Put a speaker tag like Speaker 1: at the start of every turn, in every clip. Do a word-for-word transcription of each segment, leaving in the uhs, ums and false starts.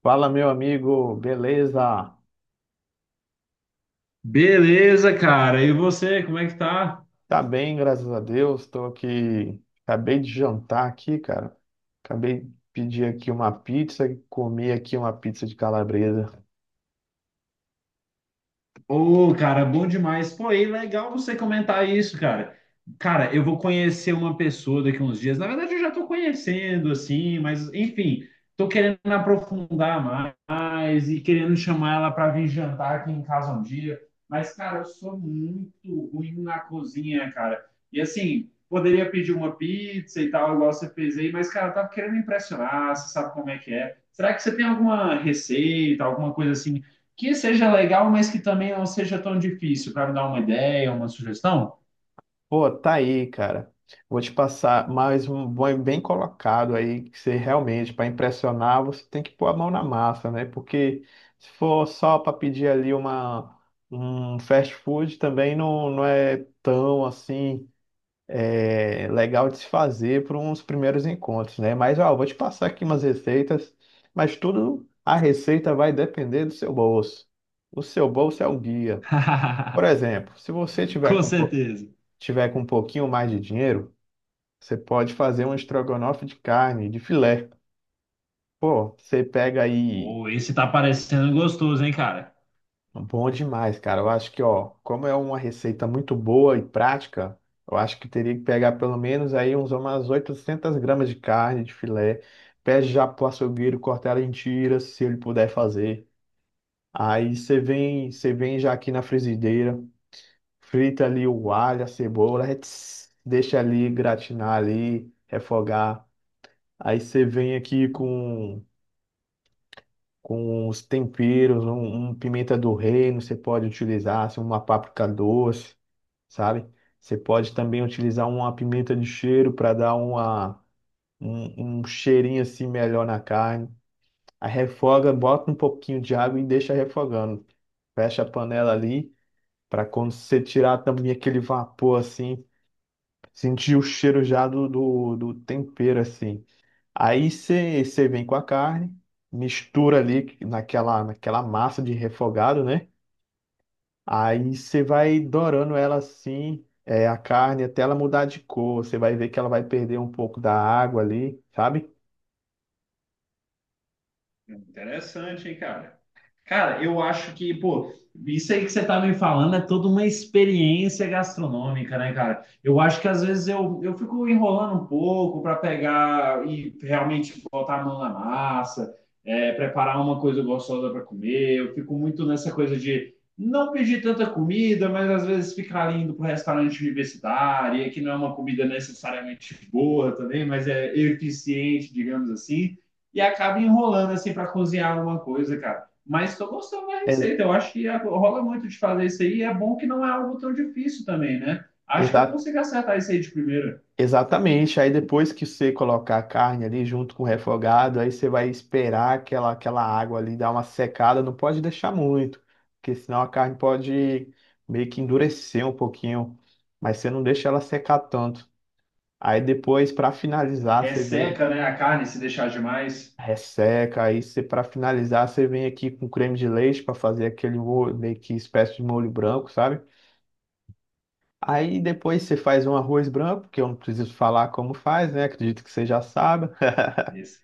Speaker 1: Fala, meu amigo, beleza?
Speaker 2: Beleza, cara. E você, como é que tá?
Speaker 1: Tá bem, graças a Deus. Tô aqui, acabei de jantar aqui, cara. Acabei de pedir aqui uma pizza, comi aqui uma pizza de calabresa.
Speaker 2: Ô, cara, bom demais. Pô, e legal você comentar isso, cara. Cara, eu vou conhecer uma pessoa daqui a uns dias. Na verdade, eu já tô conhecendo, assim, mas enfim, tô querendo aprofundar mais e querendo chamar ela para vir jantar aqui em casa um dia. Mas, cara, eu sou muito ruim na cozinha, cara. E assim, poderia pedir uma pizza e tal, igual você fez aí, mas, cara, eu tava querendo impressionar, você sabe como é que é. Será que você tem alguma receita, alguma coisa assim? Que seja legal, mas que também não seja tão difícil, para me dar uma ideia, uma sugestão?
Speaker 1: Pô, tá aí, cara. Vou te passar mais um bom bem colocado aí, que você realmente, para impressionar, você tem que pôr a mão na massa, né? Porque se for só para pedir ali uma um fast food também não, não é tão assim é, legal de se fazer para uns primeiros encontros, né? Mas, ó, eu vou te passar aqui umas receitas, mas tudo a receita vai depender do seu bolso. O seu bolso é o guia. Por exemplo, se você tiver
Speaker 2: Com
Speaker 1: com, pou-
Speaker 2: certeza.
Speaker 1: tiver com um pouquinho mais de dinheiro, você pode fazer um estrogonofe de carne, de filé. Pô, você pega aí.
Speaker 2: Ou esse tá parecendo gostoso, hein, cara?
Speaker 1: Bom demais, cara. Eu acho que, ó, como é uma receita muito boa e prática, eu acho que teria que pegar pelo menos aí uns umas oitocentas gramas de carne de filé. Pede já pro açougueiro cortar ela em tiras, se ele puder fazer. Aí você vem, você vem já aqui na frigideira, frita ali o alho, a cebola, ets, deixa ali gratinar ali, refogar. Aí você vem aqui
Speaker 2: Hum.
Speaker 1: com com os temperos, um, um pimenta do reino, você pode utilizar, assim, uma páprica doce. Sabe? Você pode também utilizar uma pimenta de cheiro para dar uma, um, um cheirinho assim melhor na carne. Aí refoga, bota um pouquinho de água e deixa refogando. Fecha a panela ali para quando você tirar a tampinha, aquele vapor assim, sentir o cheiro já do, do, do tempero assim. Aí você você vem com a carne, mistura ali naquela, naquela massa de refogado, né? Aí você vai dourando ela assim, é, a carne, até ela mudar de cor. Você vai ver que ela vai perder um pouco da água ali, sabe?
Speaker 2: Interessante, hein, cara? Cara, eu acho que, pô, isso aí que você tá me falando é toda uma experiência gastronômica, né, cara? Eu acho que às vezes eu, eu fico enrolando um pouco para pegar e realmente botar a mão na massa, é, preparar uma coisa gostosa para comer. Eu fico muito nessa coisa de não pedir tanta comida, mas às vezes ficar ali indo pro restaurante universitário, e que não é uma comida necessariamente boa também, mas é eficiente, digamos assim, e acaba enrolando assim para cozinhar alguma coisa, cara. Mas estou gostando da
Speaker 1: É,
Speaker 2: receita. Eu acho que rola muito de fazer isso aí. E é bom que não é algo tão difícil também, né? Acho que eu
Speaker 1: exa-
Speaker 2: consigo acertar isso aí de primeira.
Speaker 1: exatamente. Aí depois que você colocar a carne ali junto com o refogado, aí você vai esperar aquela, aquela água ali dar uma secada. Não pode deixar muito, porque senão a carne pode meio que endurecer um pouquinho. Mas você não deixa ela secar tanto. Aí depois, para finalizar, você vem.
Speaker 2: Resseca, né, a carne se deixar demais.
Speaker 1: Resseca, aí você para finalizar, você vem aqui com creme de leite para fazer aquele molho, meio que espécie de molho branco, sabe? Aí depois você faz um arroz branco, que eu não preciso falar como faz, né? Acredito que você já sabe.
Speaker 2: Esse,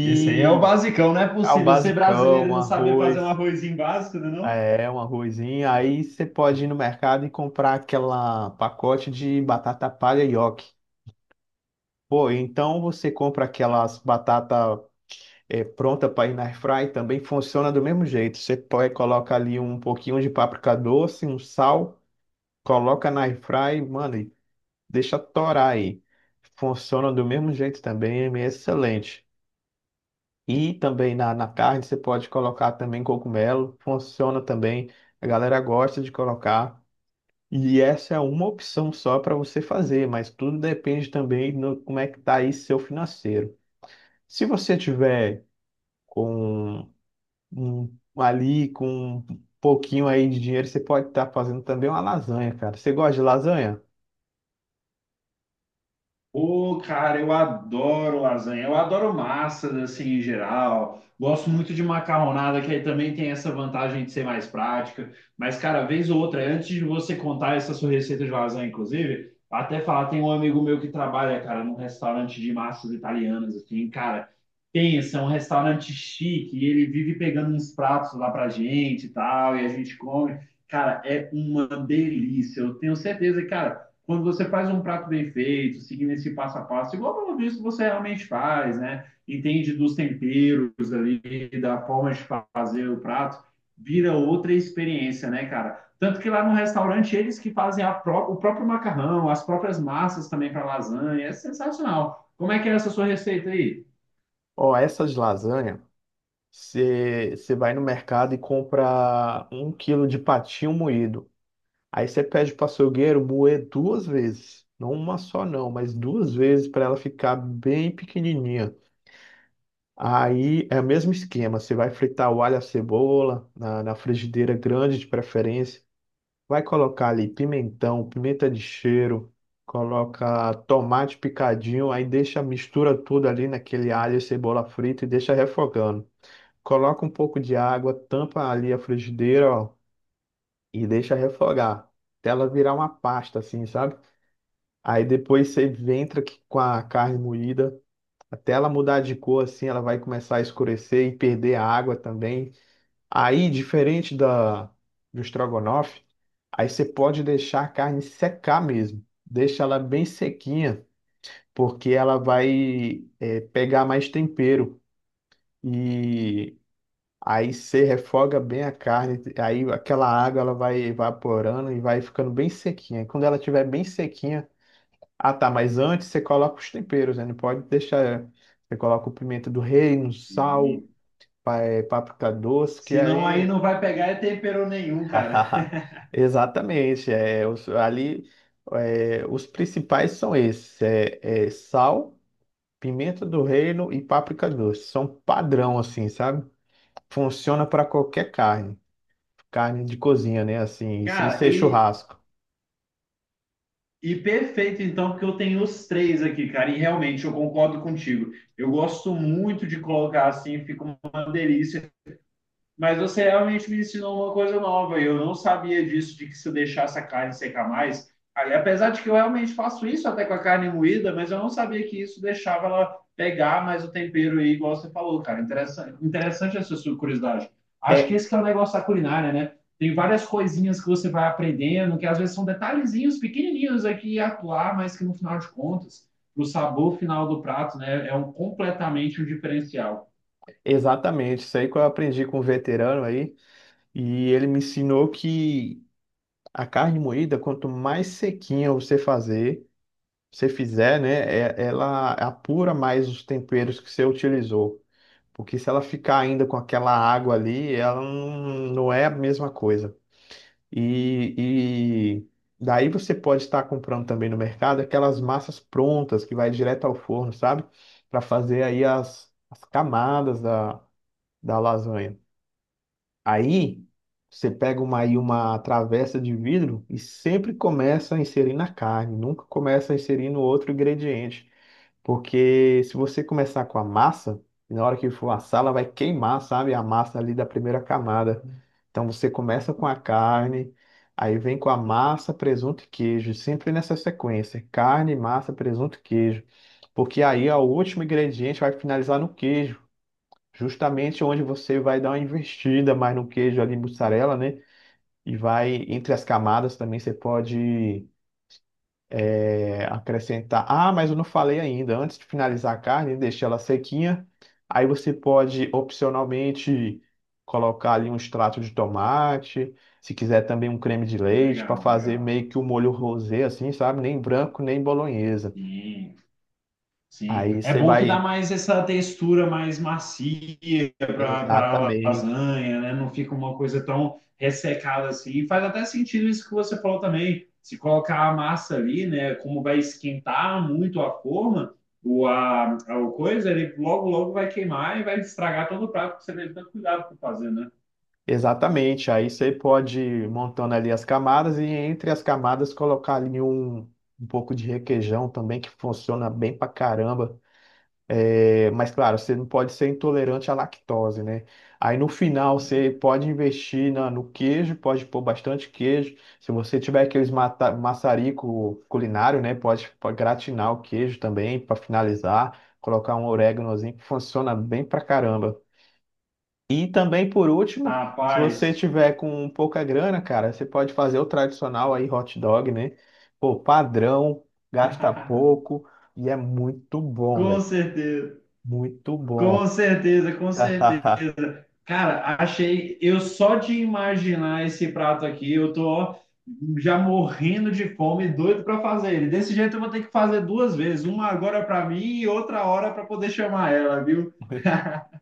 Speaker 2: esse aí é o basicão, não é
Speaker 1: ao
Speaker 2: possível ser
Speaker 1: basicão,
Speaker 2: brasileiro e
Speaker 1: um
Speaker 2: não saber fazer um
Speaker 1: arroz,
Speaker 2: arrozinho básico, não é não?
Speaker 1: é, um arrozinho. Aí você pode ir no mercado e comprar aquela pacote de batata palha nhoque. Pô, então você compra aquelas batata é, pronta para ir na air fry também funciona do mesmo jeito. Você pode colocar ali um pouquinho de páprica doce, um sal, coloca na air fry mano, e deixa torar aí. Funciona do mesmo jeito também, é excelente. E também na, na carne você pode colocar também cogumelo, funciona também. A galera gosta de colocar. E essa é uma opção só para você fazer, mas tudo depende também no como é que tá aí seu financeiro. Se você tiver com um, ali com um pouquinho aí de dinheiro, você pode estar fazendo também uma lasanha, cara. Você gosta de lasanha?
Speaker 2: Ô, cara, eu adoro lasanha, eu adoro massas assim em geral. Gosto muito de macarronada, que aí também tem essa vantagem de ser mais prática. Mas, cara, vez ou outra, antes de você contar essa sua receita de lasanha, inclusive, até falar, tem um amigo meu que trabalha, cara, num restaurante de massas italianas, assim, cara, pensa, é um restaurante chique, e ele vive pegando uns pratos lá pra gente e tal, e a gente come. Cara, é uma delícia. Eu tenho certeza, cara, quando você faz um prato bem feito, seguindo esse passo a passo, igual pelo visto você realmente faz, né? Entende dos temperos ali, da forma de fazer o prato, vira outra experiência, né, cara? Tanto que lá no restaurante eles que fazem a pró o próprio macarrão, as próprias massas também para lasanha, é sensacional. Como é que é essa sua receita aí?
Speaker 1: Ó, essas lasanha, você, você vai no mercado e compra um quilo de patinho moído. Aí você pede para o açougueiro moer duas vezes. Não uma só não, mas duas vezes para ela ficar bem pequenininha. Aí é o mesmo esquema, você vai fritar o alho e a cebola na, na frigideira grande de preferência. Vai colocar ali pimentão, pimenta de cheiro, coloca tomate picadinho, aí deixa mistura tudo ali naquele alho e cebola frita e deixa refogando. Coloca um pouco de água, tampa ali a frigideira, ó, e deixa refogar. Até ela virar uma pasta assim, sabe? Aí depois você entra aqui com a carne moída, até ela mudar de cor assim, ela vai começar a escurecer e perder a água também. Aí, diferente da, do estrogonofe, aí você pode deixar a carne secar mesmo. Deixa ela bem sequinha, porque ela vai é, pegar mais tempero. E aí você refoga bem a carne, aí aquela água ela vai evaporando e vai ficando bem sequinha. E quando ela estiver bem sequinha, ah tá, mas antes você coloca os temperos, né? Não pode deixar. Você coloca o pimenta do reino, sal,
Speaker 2: Sim.
Speaker 1: pá- é, páprica doce, que
Speaker 2: Senão aí
Speaker 1: aí.
Speaker 2: não vai pegar é tempero nenhum, cara.
Speaker 1: Exatamente. É, os- ali, é, os principais são esses: é, é sal, pimenta do reino e páprica doce. São padrão, assim, sabe? Funciona para qualquer carne, carne de cozinha, né? Assim, sem
Speaker 2: Cara,
Speaker 1: ser
Speaker 2: e
Speaker 1: churrasco.
Speaker 2: E perfeito, então, porque eu tenho os três aqui, cara, e realmente eu concordo contigo. Eu gosto muito de colocar assim, fica uma delícia. Mas você realmente me ensinou uma coisa nova, e eu não sabia disso, de que se eu deixasse a carne secar mais. Ali, apesar de que eu realmente faço isso até com a carne moída, mas eu não sabia que isso deixava ela pegar mais o tempero aí, igual você falou, cara. Interessante, interessante essa sua curiosidade. Acho que
Speaker 1: É,
Speaker 2: esse que é o negócio da culinária, né? Tem várias coisinhas que você vai aprendendo, que às vezes são detalhezinhos pequenininhos aqui e atuar, mas que no final de contas, o sabor final do prato, né, é um completamente um diferencial.
Speaker 1: exatamente. Isso aí que eu aprendi com um veterano aí, e ele me ensinou que a carne moída, quanto mais sequinha você fazer, você fizer, né? é- Ela apura mais os temperos que você utilizou. Porque se ela ficar ainda com aquela água ali, ela não, não é a mesma coisa. E, e daí você pode estar comprando também no mercado aquelas massas prontas que vai direto ao forno, sabe? Para fazer aí as, as camadas da, da lasanha. Aí você pega uma, aí uma travessa de vidro e sempre começa a inserir na carne, nunca começa a inserir no outro ingrediente. Porque se você começar com a massa, na hora que for assar, ela vai queimar, sabe? A massa ali da primeira camada. Então você começa com a carne, aí vem com a massa, presunto e queijo, sempre nessa sequência: carne, massa, presunto e queijo. Porque aí ó, o último ingrediente vai finalizar no queijo, justamente onde você vai dar uma investida mais no queijo ali, mussarela, né? E vai entre as camadas também você pode é, acrescentar. Ah, mas eu não falei ainda. Antes de finalizar a carne, deixa ela sequinha. Aí você pode opcionalmente colocar ali um extrato de tomate, se quiser também um creme de leite para
Speaker 2: Legal,
Speaker 1: fazer
Speaker 2: legal.
Speaker 1: meio que o molho rosé assim, sabe? Nem branco, nem bolonhesa.
Speaker 2: Sim. Sim,
Speaker 1: Aí
Speaker 2: é
Speaker 1: você
Speaker 2: bom que dá
Speaker 1: vai.
Speaker 2: mais essa textura mais macia para a
Speaker 1: Exatamente,
Speaker 2: lasanha, né? Não fica uma coisa tão ressecada assim. E Faz até sentido isso que você falou também. Se colocar a massa ali, né? Como vai esquentar muito a forma, o, a, a o coisa, ele logo, logo vai queimar e vai estragar todo o prato que você deve ter cuidado para fazer, né?
Speaker 1: exatamente. Aí você pode ir montando ali as camadas e entre as camadas colocar ali um, um pouco de requeijão também que funciona bem pra caramba. É, mas claro, você não pode ser intolerante à lactose, né? Aí no final você pode investir na- no queijo, pode pôr bastante queijo. Se você tiver aqueles mata, maçarico culinário, né? Pode, pode gratinar o queijo também para finalizar, colocar um oréganozinho que funciona bem pra caramba. E também por último, se você
Speaker 2: Rapaz,
Speaker 1: tiver com pouca grana, cara, você pode fazer o tradicional aí hot dog, né? Pô, padrão, gasta pouco e é muito bom,
Speaker 2: com
Speaker 1: velho.
Speaker 2: certeza.
Speaker 1: Muito
Speaker 2: Com
Speaker 1: bom.
Speaker 2: certeza, com certeza. Cara, achei. Eu só de imaginar esse prato aqui, eu tô ó, já morrendo de fome, doido para fazer ele. Desse jeito eu vou ter que fazer duas vezes, uma agora para mim e outra hora para poder chamar ela, viu?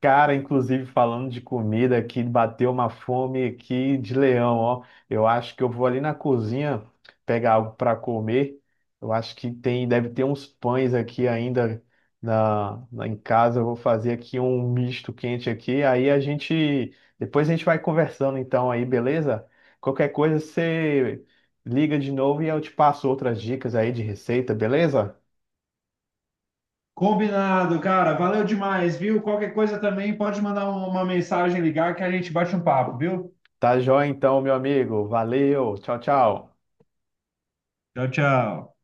Speaker 1: Cara, inclusive falando de comida aqui, bateu uma fome aqui de leão, ó. Eu acho que eu vou ali na cozinha pegar algo para comer. Eu acho que tem, deve ter uns pães aqui ainda na, na- em casa. Eu vou fazer aqui um misto quente aqui. Aí a gente, depois a gente vai conversando então aí, beleza? Qualquer coisa você liga de novo e eu te passo outras dicas aí de receita, beleza?
Speaker 2: Combinado, cara. Valeu demais, viu? Qualquer coisa também pode mandar uma uma mensagem, ligar que a gente bate um papo, viu?
Speaker 1: Tá joia então, meu amigo. Valeu. Tchau, tchau.
Speaker 2: Tchau, tchau.